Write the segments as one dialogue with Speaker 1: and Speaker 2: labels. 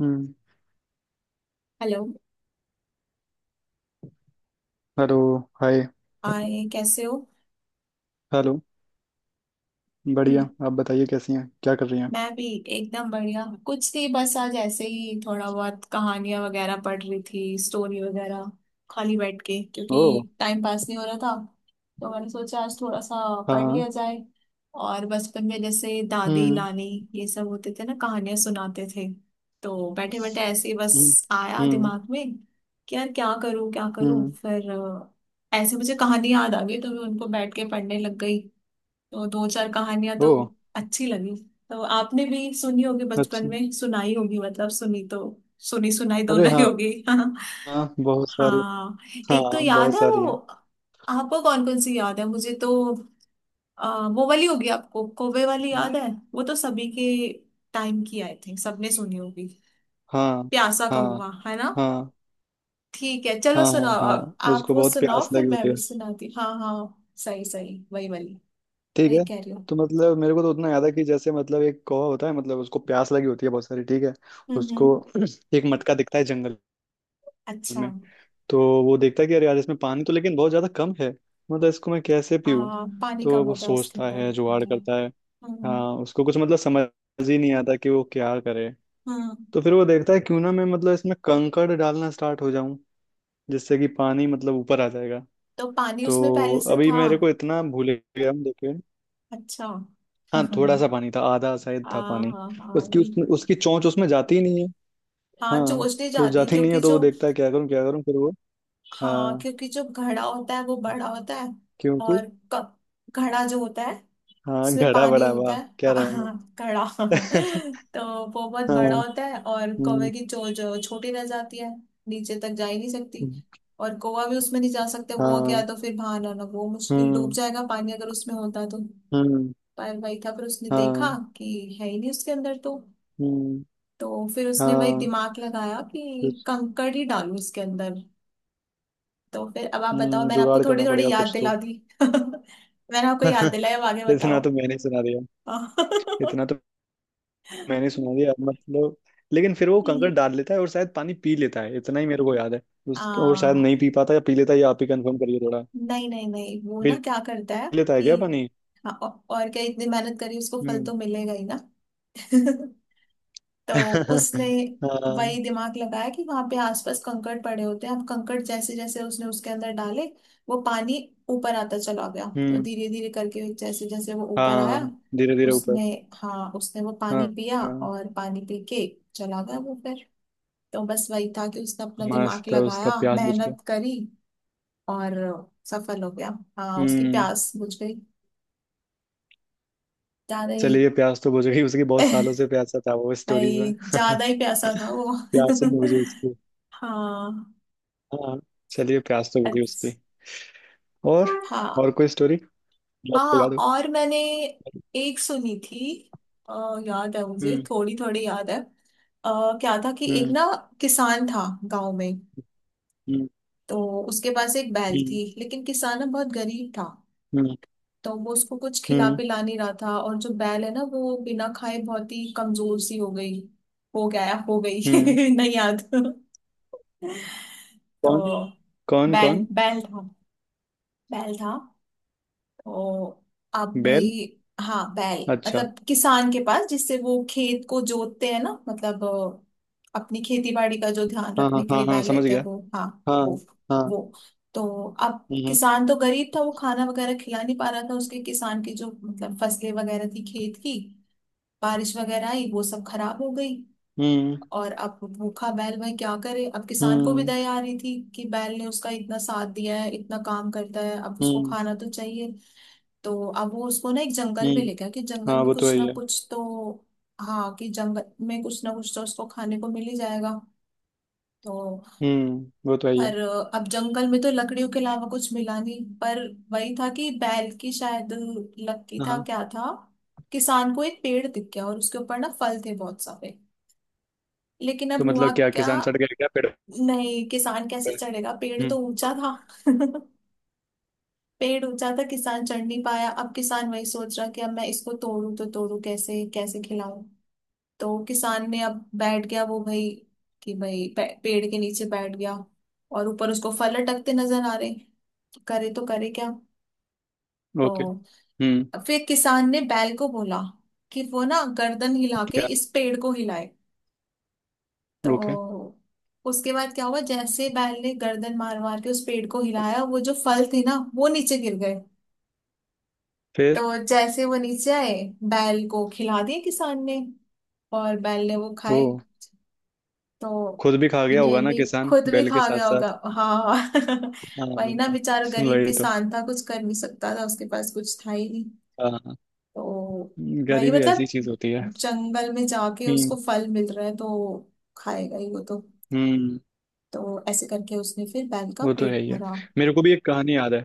Speaker 1: हम्म।
Speaker 2: Hello.
Speaker 1: Hello. Hi.
Speaker 2: आए कैसे हो?
Speaker 1: हेलो। बढ़िया,
Speaker 2: हम्म,
Speaker 1: आप बताइए कैसी हैं, क्या कर रही हैं?
Speaker 2: मैं भी एकदम बढ़िया। कुछ नहीं, बस आज ऐसे ही थोड़ा बहुत कहानियां वगैरह पढ़ रही थी, स्टोरी वगैरह। खाली बैठ के, क्योंकि
Speaker 1: ओ।
Speaker 2: टाइम पास नहीं हो रहा था, तो मैंने सोचा आज थोड़ा सा पढ़
Speaker 1: हाँ।
Speaker 2: लिया जाए। और बचपन में जैसे दादी
Speaker 1: हम्म।
Speaker 2: नानी ये सब होते थे ना, कहानियां सुनाते थे। तो बैठे बैठे ऐसे ही
Speaker 1: हम्म।
Speaker 2: बस आया
Speaker 1: हम्म।
Speaker 2: दिमाग में कि यार क्या करूं क्या करूं,
Speaker 1: हम्म।
Speaker 2: फिर ऐसे मुझे कहानी याद आ गई, तो मैं उनको बैठ के पढ़ने लग गई। तो दो चार कहानियां
Speaker 1: ओ
Speaker 2: तो अच्छी लगी। तो आपने भी सुनी होगी बचपन
Speaker 1: अच्छा।
Speaker 2: में, सुनाई होगी, मतलब सुनी तो सुनी सुनाई
Speaker 1: अरे
Speaker 2: दोनों ही
Speaker 1: हाँ।
Speaker 2: होगी। हाँ
Speaker 1: हाँ, बहुत सारे।
Speaker 2: हाँ,
Speaker 1: हाँ,
Speaker 2: एक तो याद
Speaker 1: बहुत
Speaker 2: है
Speaker 1: सारी
Speaker 2: वो।
Speaker 1: हैं।
Speaker 2: आपको कौन कौन सी याद है? मुझे तो वो वाली होगी, आपको कौवे वाली याद है? वो तो सभी के टाइम की, आई थिंक सबने सुनी होगी।
Speaker 1: हाँ।
Speaker 2: प्यासा
Speaker 1: हाँ।
Speaker 2: कहूंगा, है ना?
Speaker 1: हाँ।
Speaker 2: ठीक है चलो
Speaker 1: हाँ। हाँ।
Speaker 2: सुनाओ,
Speaker 1: हाँ।
Speaker 2: आप
Speaker 1: उसको
Speaker 2: वो
Speaker 1: बहुत
Speaker 2: सुनाओ
Speaker 1: प्यास
Speaker 2: फिर
Speaker 1: लगी
Speaker 2: मैं
Speaker 1: होती है।
Speaker 2: भी सुनाती, हाँ हाँ। सही सही, वही वाली।
Speaker 1: ठीक
Speaker 2: वही
Speaker 1: है।
Speaker 2: कह रही हूँ।
Speaker 1: तो मतलब मेरे को तो उतना याद है कि जैसे मतलब एक कौवा होता है, मतलब उसको प्यास लगी होती है बहुत सारी। ठीक है। उसको
Speaker 2: हम्म।
Speaker 1: एक मटका दिखता है जंगल
Speaker 2: अच्छा।
Speaker 1: में। तो वो देखता है कि अरे यार, इसमें पानी तो लेकिन बहुत ज़्यादा कम है। मतलब इसको मैं कैसे
Speaker 2: आ,
Speaker 1: पीऊँ।
Speaker 2: पानी कम
Speaker 1: तो वो
Speaker 2: होता है उसके
Speaker 1: सोचता है, जुगाड़
Speaker 2: अंदर।
Speaker 1: करता है। हाँ,
Speaker 2: हम्म
Speaker 1: उसको कुछ मतलब समझ ही नहीं आता कि वो क्या करे।
Speaker 2: हम्म।
Speaker 1: तो फिर वो देखता है क्यों ना मैं मतलब इसमें कंकड़ डालना स्टार्ट हो जाऊं, जिससे कि पानी मतलब ऊपर आ जाएगा।
Speaker 2: तो पानी उसमें
Speaker 1: तो
Speaker 2: पहले से
Speaker 1: अभी
Speaker 2: था?
Speaker 1: मेरे को इतना भूल गया हूं, देखे।
Speaker 2: अच्छा।
Speaker 1: हाँ, थोड़ा सा पानी था, आधा शायद था
Speaker 2: हाँ
Speaker 1: पानी।
Speaker 2: हाँ हाँ, वही।
Speaker 1: उसकी चोंच उसमें जाती ही नहीं है।
Speaker 2: हाँ
Speaker 1: हाँ,
Speaker 2: चोंच नहीं
Speaker 1: तो
Speaker 2: जाती,
Speaker 1: जाती नहीं
Speaker 2: क्योंकि
Speaker 1: है, तो
Speaker 2: जो,
Speaker 1: वो देखता है क्या करूँ क्या करूँ, फिर वो।
Speaker 2: हाँ
Speaker 1: हाँ,
Speaker 2: क्योंकि जो घड़ा होता है वो बड़ा होता है।
Speaker 1: क्योंकि।
Speaker 2: और क- घड़ा जो होता है,
Speaker 1: हाँ,
Speaker 2: इसमें
Speaker 1: घड़ा
Speaker 2: पानी
Speaker 1: बड़ा,
Speaker 2: होता
Speaker 1: वाह
Speaker 2: है।
Speaker 1: क्या
Speaker 2: हाँ,
Speaker 1: रहा
Speaker 2: हाँ, कड़ा।
Speaker 1: मैं।
Speaker 2: तो वो बहुत
Speaker 1: हाँ।
Speaker 2: बड़ा होता है, और कौवे
Speaker 1: हम्म।
Speaker 2: की चोंच छोटी रह जाती है, नीचे तक जा ही नहीं सकती।
Speaker 1: हम्म।
Speaker 2: और कौवा भी उसमें नहीं जा सकता, वो क्या
Speaker 1: हाँ।
Speaker 2: तो फिर बाहर आना वो मुश्किल, डूब
Speaker 1: हम्म।
Speaker 2: जाएगा पानी अगर उसमें होता तो।
Speaker 1: हम्म।
Speaker 2: पर वही था, फिर उसने देखा
Speaker 1: हाँ।
Speaker 2: कि है ही नहीं उसके अंदर तो।
Speaker 1: हम्म।
Speaker 2: तो फिर उसने वही
Speaker 1: हाँ।
Speaker 2: दिमाग लगाया कि
Speaker 1: कुछ।
Speaker 2: कंकड़ ही डालूं इसके अंदर। तो फिर अब आप बताओ, मैंने आपको
Speaker 1: जुगाड़
Speaker 2: थोड़ी
Speaker 1: करना
Speaker 2: थोड़ी
Speaker 1: पड़ेगा
Speaker 2: याद
Speaker 1: कुछ तो।
Speaker 2: दिला दी। मैंने आपको याद दिलाया, अब आगे बताओ।
Speaker 1: इतना तो मैंने सुना दिया। इतना तो मैंने सुना दिया मतलब। लेकिन फिर वो कंकड़
Speaker 2: हम्म।
Speaker 1: डाल लेता है और शायद पानी पी लेता है, इतना ही मेरे को याद है। उसका, और शायद
Speaker 2: हाँ
Speaker 1: नहीं पी पाता या पी लेता है, ये आप ही कंफर्म करिए थोड़ा।
Speaker 2: नहीं नहीं नहीं, वो
Speaker 1: पी
Speaker 2: ना क्या करता है
Speaker 1: लेता है
Speaker 2: कि,
Speaker 1: क्या पानी?
Speaker 2: हाँ, और क्या, इतनी मेहनत करी उसको फल
Speaker 1: हम्म।
Speaker 2: तो मिलेगा ही ना। तो उसने वही
Speaker 1: हाँ।
Speaker 2: दिमाग लगाया कि वहां पे आसपास कंकड़ पड़े होते हैं, अब कंकड़ जैसे जैसे उसने उसके अंदर डाले, वो पानी ऊपर आता चला गया। तो
Speaker 1: हम्म।
Speaker 2: धीरे धीरे करके जैसे जैसे वो ऊपर आया,
Speaker 1: हाँ, धीरे धीरे ऊपर।
Speaker 2: उसने हाँ उसने वो
Speaker 1: हाँ।
Speaker 2: पानी पिया,
Speaker 1: हाँ।
Speaker 2: और पानी पी के चला गया वो फिर। तो बस वही था कि उसने अपना दिमाग
Speaker 1: मस्त है, उसका
Speaker 2: लगाया,
Speaker 1: प्यास बुझ गया।
Speaker 2: मेहनत करी और सफल हो गया। हाँ उसकी
Speaker 1: हम्म।
Speaker 2: प्यास बुझ गई, ज्यादा ही।
Speaker 1: चलिए, प्यास तो बुझ गई उसकी। बहुत सालों से प्यासा था वो स्टोरीज
Speaker 2: भाई
Speaker 1: में।
Speaker 2: ज्यादा ही प्यासा था वो।
Speaker 1: प्यास ही नहीं बुझी उसकी।
Speaker 2: हाँ।
Speaker 1: हाँ। चलिए, प्यास तो बुझी उसकी।
Speaker 2: अच्छा।
Speaker 1: और
Speaker 2: हाँ
Speaker 1: और कोई स्टोरी जो आपको
Speaker 2: हाँ,
Speaker 1: याद हो?
Speaker 2: और मैंने एक सुनी थी। अ, याद है, मुझे
Speaker 1: हम्म।
Speaker 2: थोड़ी थोड़ी याद है। क्या था कि एक
Speaker 1: हम्म।
Speaker 2: ना किसान था गांव में।
Speaker 1: हम्म।
Speaker 2: तो उसके पास एक बैल
Speaker 1: हम्म।
Speaker 2: थी, लेकिन किसान ना बहुत गरीब था।
Speaker 1: हम्म।
Speaker 2: तो वो उसको कुछ खिला
Speaker 1: हम्म।
Speaker 2: पिला नहीं रहा था, और जो बैल है ना वो बिना खाए बहुत ही कमजोर सी हो गई, हो गया या हो गई
Speaker 1: हम्म।
Speaker 2: नहीं याद। तो
Speaker 1: कौन? कौन
Speaker 2: बैल,
Speaker 1: कौन?
Speaker 2: बैल था, बैल था। तो अब
Speaker 1: बैल।
Speaker 2: भाई, हाँ बैल,
Speaker 1: अच्छा।
Speaker 2: मतलब किसान के पास जिससे वो खेत को जोतते हैं ना, मतलब अपनी खेती बाड़ी का जो ध्यान
Speaker 1: हाँ
Speaker 2: रखने
Speaker 1: हाँ
Speaker 2: के
Speaker 1: हाँ
Speaker 2: लिए
Speaker 1: हाँ,
Speaker 2: बैल
Speaker 1: समझ
Speaker 2: लेते हैं
Speaker 1: गया।
Speaker 2: वो, हाँ
Speaker 1: हाँ।
Speaker 2: वो,
Speaker 1: हाँ।
Speaker 2: वो। तो अब
Speaker 1: हम्म।
Speaker 2: किसान तो गरीब था, वो खाना वगैरह खिला नहीं पा रहा था। उसके किसान की जो मतलब फसलें वगैरह थी खेत की, बारिश वगैरह आई वो सब खराब हो गई।
Speaker 1: हम्म।
Speaker 2: और अब भूखा बैल, वह क्या करे, अब किसान को भी
Speaker 1: हम्म।
Speaker 2: दया आ रही थी कि बैल ने उसका इतना साथ दिया है, इतना काम करता है, अब उसको
Speaker 1: हम्म।
Speaker 2: खाना तो चाहिए। तो अब वो उसको ना एक जंगल में
Speaker 1: हम्म।
Speaker 2: ले गया कि जंगल
Speaker 1: हाँ,
Speaker 2: में
Speaker 1: वो तो
Speaker 2: कुछ
Speaker 1: है ही
Speaker 2: ना
Speaker 1: है।
Speaker 2: कुछ तो, हाँ कि जंगल में कुछ ना कुछ तो उसको खाने को मिल ही जाएगा। तो,
Speaker 1: हम्म। वो तो है ही है।
Speaker 2: पर, अब जंगल में तो लकड़ियों के अलावा कुछ मिला नहीं, पर वही था कि बैल की शायद, लकी
Speaker 1: हाँ।
Speaker 2: था
Speaker 1: हाँ।
Speaker 2: क्या था, किसान को एक पेड़ दिख गया और उसके ऊपर ना फल थे बहुत सारे। लेकिन
Speaker 1: तो
Speaker 2: अब हुआ
Speaker 1: मतलब क्या
Speaker 2: क्या,
Speaker 1: किसान चढ़ गया क्या पेड़
Speaker 2: नहीं किसान कैसे
Speaker 1: पे?
Speaker 2: चढ़ेगा, पेड़
Speaker 1: हम्म।
Speaker 2: तो ऊंचा था। पेड़ ऊंचा था, किसान चढ़ नहीं पाया। अब किसान वही सोच रहा कि अब मैं इसको तोड़ू तो तोड़ू कैसे, कैसे खिलाऊं। तो किसान ने अब बैठ गया वो भाई, कि भाई पेड़ के नीचे बैठ गया, और ऊपर उसको फल लटकते नजर आ रहे, करे तो करे क्या।
Speaker 1: ओके।
Speaker 2: तो
Speaker 1: हम्म।
Speaker 2: फिर किसान ने बैल को बोला कि वो ना गर्दन हिला के
Speaker 1: क्या?
Speaker 2: इस पेड़ को हिलाए।
Speaker 1: ओके।
Speaker 2: तो उसके बाद क्या हुआ, जैसे बैल ने गर्दन मार मार के उस पेड़ को हिलाया, वो जो फल थे ना वो नीचे गिर गए।
Speaker 1: फिर?
Speaker 2: तो जैसे वो नीचे आए, बैल को खिला दिए किसान ने, और बैल ने वो
Speaker 1: ओ,
Speaker 2: खाए। तो
Speaker 1: खुद भी खा गया
Speaker 2: ये
Speaker 1: होगा ना
Speaker 2: भी
Speaker 1: किसान
Speaker 2: खुद भी
Speaker 1: बैल के
Speaker 2: खा
Speaker 1: साथ
Speaker 2: गया होगा।
Speaker 1: साथ।
Speaker 2: हाँ वही
Speaker 1: हाँ,
Speaker 2: ना, बेचारा गरीब
Speaker 1: वही तो।
Speaker 2: किसान था, कुछ कर नहीं सकता था, उसके पास कुछ था ही नहीं।
Speaker 1: हाँ,
Speaker 2: तो वही
Speaker 1: गरीबी ऐसी
Speaker 2: मतलब,
Speaker 1: चीज होती है।
Speaker 2: जंगल में जाके
Speaker 1: हम्म।
Speaker 2: उसको फल मिल रहा है तो खाएगा ही वो तो।
Speaker 1: हम्म।
Speaker 2: तो ऐसे करके उसने फिर बैल का
Speaker 1: वो तो है
Speaker 2: पेट
Speaker 1: ही है।
Speaker 2: भरा।
Speaker 1: मेरे को भी एक कहानी याद है।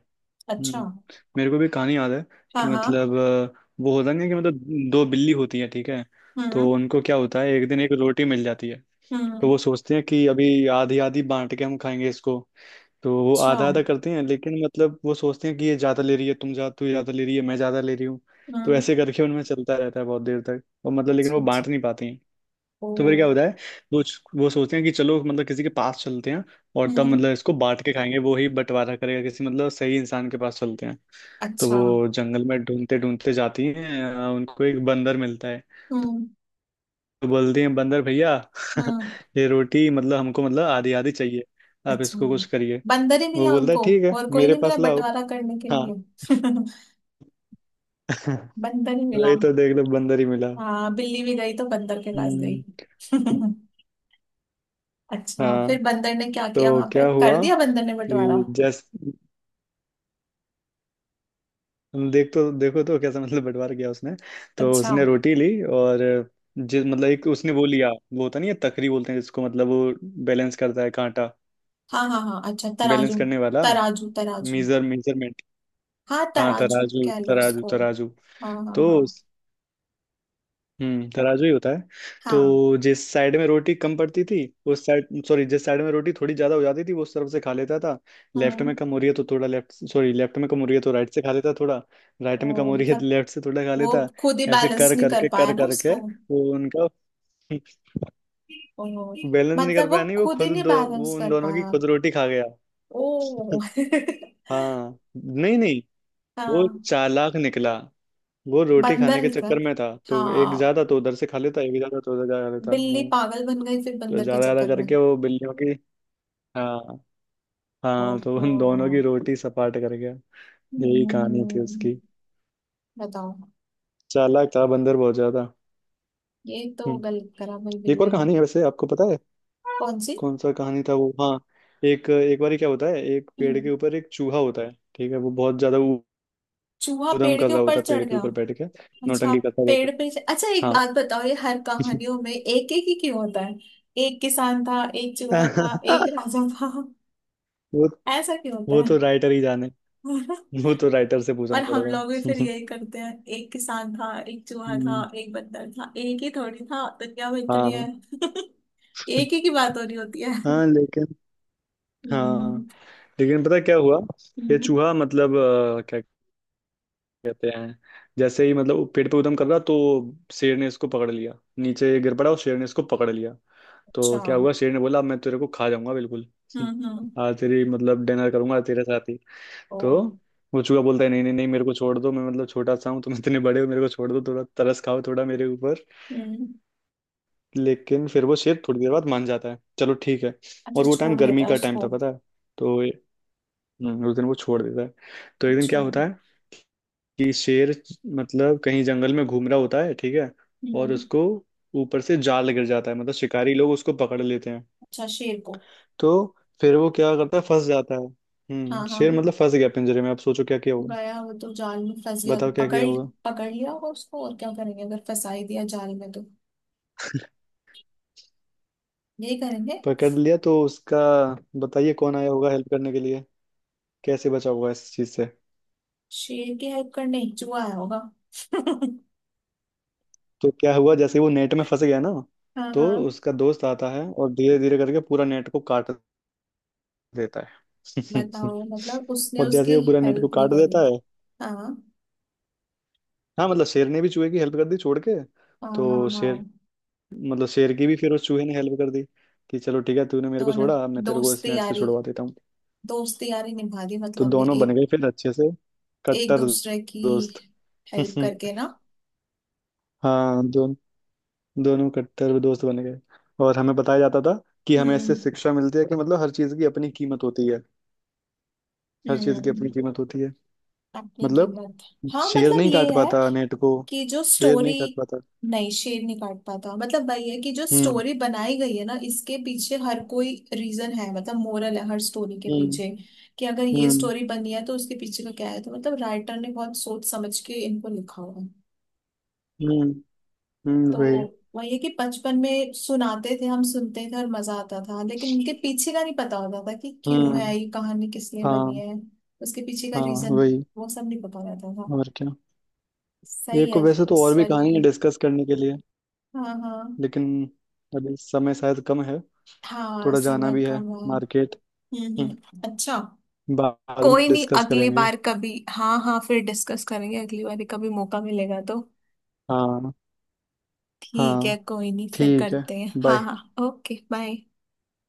Speaker 2: अच्छा।
Speaker 1: हम्म। मेरे को भी कहानी याद है।
Speaker 2: हाँ
Speaker 1: कि
Speaker 2: हाँ।
Speaker 1: मतलब वो होता नहीं है कि मतलब दो बिल्ली होती है, ठीक है। तो
Speaker 2: हम्म
Speaker 1: उनको क्या होता है, एक दिन एक रोटी मिल जाती है। तो
Speaker 2: हम्म।
Speaker 1: वो सोचते हैं कि अभी आधी आधी बांट के हम खाएंगे इसको। तो वो
Speaker 2: अच्छा।
Speaker 1: आधा आधा करते हैं, लेकिन मतलब वो सोचते हैं कि ये ज्यादा ले रही है, तुम ज्यादा, तू ज्यादा ले रही है, मैं ज्यादा ले रही हूँ। तो
Speaker 2: हम्म।
Speaker 1: ऐसे करके उनमें चलता रहता है बहुत देर तक, और मतलब लेकिन वो
Speaker 2: अच्छा अच्छा।
Speaker 1: बांट नहीं पाते हैं।
Speaker 2: ओ।
Speaker 1: तो फिर क्या होता है, वो वो सोचते हैं कि चलो मतलब किसी के पास चलते हैं। और तब
Speaker 2: हम्म।
Speaker 1: मतलब इसको बांट के खाएंगे, वो ही बंटवारा करेगा, किसी मतलब सही इंसान के पास चलते हैं। तो
Speaker 2: अच्छा।
Speaker 1: वो जंगल में ढूंढते ढूंढते जाती हैं, उनको एक बंदर मिलता है।
Speaker 2: हम्म
Speaker 1: तो बोलती हैं, बंदर भैया।
Speaker 2: हम्म।
Speaker 1: ये रोटी मतलब हमको मतलब आधी आधी चाहिए। आप
Speaker 2: अच्छा,
Speaker 1: इसको कुछ करिए।
Speaker 2: बंदर ही
Speaker 1: वो
Speaker 2: मिला
Speaker 1: बोलता है
Speaker 2: उनको?
Speaker 1: ठीक है,
Speaker 2: और कोई
Speaker 1: मेरे
Speaker 2: नहीं मिला
Speaker 1: पास लाओ।
Speaker 2: बंटवारा करने के
Speaker 1: हाँ।
Speaker 2: लिए? बंदर ही मिला।
Speaker 1: वही तो, देख लो बंदर ही मिला।
Speaker 2: हाँ बिल्ली भी गई तो बंदर के पास गई।
Speaker 1: हम्म।
Speaker 2: अच्छा फिर
Speaker 1: हाँ।
Speaker 2: बंदर ने क्या किया,
Speaker 1: तो
Speaker 2: वहां पे
Speaker 1: क्या
Speaker 2: कर
Speaker 1: हुआ
Speaker 2: दिया बंदर ने बंटवारा?
Speaker 1: कि जैस देख तो देखो तो कैसा मतलब बंटवारा किया उसने। तो
Speaker 2: अच्छा।
Speaker 1: उसने रोटी ली और जिस मतलब एक उसने वो लिया, वो होता नहीं है तकरी बोलते हैं जिसको, मतलब वो बैलेंस करता है कांटा।
Speaker 2: हाँ हाँ हाँ, अच्छा
Speaker 1: बैलेंस
Speaker 2: तराजू।
Speaker 1: करने वाला,
Speaker 2: तराजू तराजू।
Speaker 1: Measure, measurement.
Speaker 2: हाँ
Speaker 1: हाँ,
Speaker 2: तराजू
Speaker 1: तराजू
Speaker 2: कह लो
Speaker 1: तराजू
Speaker 2: उसको।
Speaker 1: तराजू।
Speaker 2: हाँ हाँ
Speaker 1: तो
Speaker 2: हाँ
Speaker 1: तराजू ही होता है।
Speaker 2: हाँ।
Speaker 1: तो जिस साइड में रोटी कम पड़ती थी, उस साइड सॉरी जिस साइड में रोटी थोड़ी ज्यादा हो जाती थी, वो उस तरफ से खा लेता था। लेफ्ट में
Speaker 2: हम्म।
Speaker 1: कम हो रही है तो थोड़ा लेफ्ट सॉरी, लेफ्ट में कम हो रही है तो राइट से खा लेता थोड़ा। राइट में कम
Speaker 2: ओ
Speaker 1: हो रही है तो
Speaker 2: मतलब
Speaker 1: लेफ्ट से थोड़ा खा
Speaker 2: वो
Speaker 1: लेता।
Speaker 2: खुद ही
Speaker 1: ऐसे
Speaker 2: बैलेंस नहीं कर पाया
Speaker 1: कर
Speaker 2: ना
Speaker 1: करके
Speaker 2: उसको।
Speaker 1: वो उनका
Speaker 2: ओ
Speaker 1: बैलेंस नहीं कर
Speaker 2: मतलब वो
Speaker 1: पाया। नहीं, वो
Speaker 2: खुद ही
Speaker 1: खुद,
Speaker 2: नहीं
Speaker 1: दो,
Speaker 2: बैलेंस
Speaker 1: वो उन
Speaker 2: कर
Speaker 1: दोनों की
Speaker 2: पाया।
Speaker 1: खुद रोटी खा गया।
Speaker 2: ओ।
Speaker 1: हाँ। नहीं नहीं, वो
Speaker 2: हाँ
Speaker 1: चालाक निकला। वो रोटी
Speaker 2: बंदर
Speaker 1: खाने के
Speaker 2: निकल,
Speaker 1: चक्कर में था, तो एक
Speaker 2: हाँ
Speaker 1: ज्यादा तो उधर से खा लेता, एक ज्यादा तो उधर से खा लेता।
Speaker 2: बिल्ली
Speaker 1: हाँ।
Speaker 2: पागल बन गई फिर
Speaker 1: तो
Speaker 2: बंदर के
Speaker 1: ज्यादा ज्यादा
Speaker 2: चक्कर में।
Speaker 1: करके वो बिल्लियों की, हाँ हाँ, तो
Speaker 2: ओहो।
Speaker 1: उन दोनों की रोटी सपाट कर गया। यही कहानी थी उसकी।
Speaker 2: हम्म, बताओ।
Speaker 1: चालाक था बंदर बहुत ज्यादा।
Speaker 2: ये तो
Speaker 1: हम्म।
Speaker 2: गलत करा भाई
Speaker 1: एक और
Speaker 2: बिल्ली ने।
Speaker 1: कहानी है वैसे, आपको पता है?
Speaker 2: कौन सी?
Speaker 1: कौन सा कहानी था वो? हाँ। एक एक बार क्या होता है, एक पेड़
Speaker 2: हम्म,
Speaker 1: के ऊपर एक चूहा होता है, ठीक है, वो बहुत ज्यादा
Speaker 2: चूहा
Speaker 1: ऊधम
Speaker 2: पेड़
Speaker 1: कर
Speaker 2: के
Speaker 1: रहा
Speaker 2: ऊपर
Speaker 1: होता है पेड़
Speaker 2: चढ़
Speaker 1: के
Speaker 2: गया।
Speaker 1: ऊपर बैठ के।
Speaker 2: अच्छा।
Speaker 1: नौटंकी करता रहता
Speaker 2: पेड़
Speaker 1: है।
Speaker 2: पे, अच्छा एक
Speaker 1: हाँ।
Speaker 2: बात बताओ, ये हर कहानियों में एक एक ही क्यों होता है? एक किसान था, एक चूहा था, एक राजा था,
Speaker 1: वो
Speaker 2: ऐसा क्यों होता
Speaker 1: वो
Speaker 2: है?
Speaker 1: तो राइटर ही जाने। वो तो राइटर से पूछना
Speaker 2: और हम लोग भी फिर
Speaker 1: पड़ेगा।
Speaker 2: यही करते हैं, एक किसान था, एक चूहा था,
Speaker 1: हम्म।
Speaker 2: एक बंदर था। एक ही थोड़ी था दुनिया में, इतने
Speaker 1: हाँ।
Speaker 2: हैं। एक ही की बात हो रही होती है।
Speaker 1: हाँ, लेकिन। हाँ,
Speaker 2: हम्म।
Speaker 1: लेकिन पता है क्या हुआ? ये
Speaker 2: हम्म।
Speaker 1: चूहा मतलब क्या कहते हैं। जैसे ही मतलब पेड़ पे उदम कर रहा तो शेर ने इसको पकड़ लिया। नीचे गिर पड़ा और शेर ने इसको पकड़ लिया।
Speaker 2: अच्छा।
Speaker 1: तो क्या
Speaker 2: हम्म।
Speaker 1: हुआ, शेर ने बोला "अब मैं तेरे को खा जाऊंगा बिल्कुल।
Speaker 2: हम्म।
Speaker 1: आज तेरी मतलब डिनर करूंगा तेरे साथ ही।
Speaker 2: ओ।
Speaker 1: तो वो चूहा बोलता है, नहीं नहीं नहीं, मेरे को छोड़ दो, मैं मतलब छोटा सा हूँ, तुम इतने बड़े हो, मेरे को छोड़ दो थोड़ा, तरस खाओ थोड़ा मेरे ऊपर।
Speaker 2: हम्म,
Speaker 1: लेकिन फिर वो शेर थोड़ी देर बाद मान जाता है, चलो ठीक है।
Speaker 2: अच्छा
Speaker 1: और वो टाइम
Speaker 2: छोड़ देता
Speaker 1: गर्मी
Speaker 2: है
Speaker 1: का टाइम
Speaker 2: उसको।
Speaker 1: था, पता है। तो उस दिन वो छोड़ देता है। तो एक दिन
Speaker 2: अच्छा।
Speaker 1: क्या होता है कि शेर मतलब कहीं जंगल में घूम रहा होता है, ठीक है। और
Speaker 2: हम्म।
Speaker 1: उसको ऊपर से जाल गिर जाता है, मतलब शिकारी लोग उसको पकड़ लेते हैं।
Speaker 2: अच्छा शेर को?
Speaker 1: तो फिर वो क्या करता है, फंस जाता है,
Speaker 2: हाँ हाँ,
Speaker 1: शेर मतलब फंस गया पिंजरे में, अब सोचो क्या किया होगा।
Speaker 2: गया वो तो जाल में फंस गया,
Speaker 1: बताओ क्या
Speaker 2: पकड़
Speaker 1: किया होगा,
Speaker 2: पकड़ लिया होगा उसको, और क्या करेंगे अगर फंसा ही दिया जाल में तो। यही करेंगे।
Speaker 1: पकड़ लिया तो उसका। बताइए कौन आया होगा हेल्प करने के लिए। कैसे बचा होगा इस चीज से?
Speaker 2: शेर की हेल्प करने चूहा आया होगा।
Speaker 1: तो क्या हुआ, जैसे वो नेट में फंस गया ना।
Speaker 2: हाँ
Speaker 1: तो
Speaker 2: हाँ।
Speaker 1: उसका दोस्त आता है और धीरे धीरे करके पूरा नेट को काट देता है।
Speaker 2: बताओ मतलब उसने
Speaker 1: और जैसे ही
Speaker 2: उसकी
Speaker 1: वो पूरा नेट को
Speaker 2: हेल्प नहीं
Speaker 1: काट
Speaker 2: करी।
Speaker 1: देता है,
Speaker 2: हाँ
Speaker 1: हाँ, मतलब शेर ने भी चूहे की हेल्प कर दी छोड़ के।
Speaker 2: हाँ हाँ
Speaker 1: तो
Speaker 2: हाँ।
Speaker 1: शेर मतलब शेर की भी फिर उस चूहे ने हेल्प कर दी कि चलो ठीक है, तूने मेरे को
Speaker 2: तो ना
Speaker 1: छोड़ा, अब मैं तेरे को इस
Speaker 2: दोस्ती
Speaker 1: नेट से
Speaker 2: यारी,
Speaker 1: छुड़वा देता हूँ।
Speaker 2: दोस्ती यारी निभा दी,
Speaker 1: तो
Speaker 2: मतलब ने
Speaker 1: दोनों बन
Speaker 2: एक
Speaker 1: गए फिर अच्छे से
Speaker 2: एक
Speaker 1: कट्टर
Speaker 2: दूसरे की
Speaker 1: दोस्त।
Speaker 2: हेल्प करके ना।
Speaker 1: हाँ, दोनों कट्टर दोस्त बन गए। और हमें बताया जाता था कि हमें इससे
Speaker 2: हम्म।
Speaker 1: शिक्षा मिलती है कि मतलब हर चीज की अपनी कीमत होती है। हर चीज की अपनी
Speaker 2: हम्म।
Speaker 1: कीमत होती है
Speaker 2: अपनी
Speaker 1: मतलब,
Speaker 2: कीमत। हाँ
Speaker 1: शेर
Speaker 2: मतलब
Speaker 1: नहीं
Speaker 2: ये
Speaker 1: काट
Speaker 2: है
Speaker 1: पाता नेट को,
Speaker 2: कि जो
Speaker 1: शेर
Speaker 2: स्टोरी,
Speaker 1: नहीं काट पाता।
Speaker 2: नहीं शेर नहीं काट पाता, मतलब वही है कि जो
Speaker 1: हम्म।
Speaker 2: स्टोरी बनाई गई है ना, इसके पीछे हर कोई रीजन है, मतलब मोरल है हर स्टोरी के
Speaker 1: हम्म।
Speaker 2: पीछे। कि अगर ये
Speaker 1: हम्म।
Speaker 2: स्टोरी बनी है तो उसके पीछे का क्या है, तो मतलब राइटर ने बहुत सोच समझ के इनको लिखा हुआ है।
Speaker 1: हम्म।
Speaker 2: तो
Speaker 1: वही।
Speaker 2: वही है कि बचपन में सुनाते थे, हम सुनते थे और मजा आता था, लेकिन इनके पीछे का नहीं पता होता था कि क्यों है
Speaker 1: हम्म।
Speaker 2: ये कहानी, किस लिए बनी
Speaker 1: हाँ।
Speaker 2: है। उसके पीछे का
Speaker 1: हाँ,
Speaker 2: रीजन,
Speaker 1: वही।
Speaker 2: वो सब नहीं पता रहता था।
Speaker 1: और क्या। ये
Speaker 2: सही
Speaker 1: को
Speaker 2: है।
Speaker 1: वैसे तो
Speaker 2: इस
Speaker 1: और भी
Speaker 2: वाली,
Speaker 1: कहानी है डिस्कस करने के लिए,
Speaker 2: हाँ हाँ।
Speaker 1: लेकिन अभी समय शायद कम है।
Speaker 2: हाँ
Speaker 1: थोड़ा जाना
Speaker 2: सबर
Speaker 1: भी है
Speaker 2: कम है।
Speaker 1: मार्केट। हम्म,
Speaker 2: हम्म। अच्छा,
Speaker 1: बाद में
Speaker 2: कोई नहीं
Speaker 1: डिस्कस
Speaker 2: अगली
Speaker 1: करेंगे।
Speaker 2: बार कभी, हाँ हाँ फिर डिस्कस करेंगे अगली बार, कभी मौका मिलेगा तो।
Speaker 1: हाँ
Speaker 2: ठीक है
Speaker 1: हाँ,
Speaker 2: कोई नहीं, फिर
Speaker 1: ठीक है।
Speaker 2: करते हैं, हाँ
Speaker 1: बाय।
Speaker 2: हाँ। Okay, bye.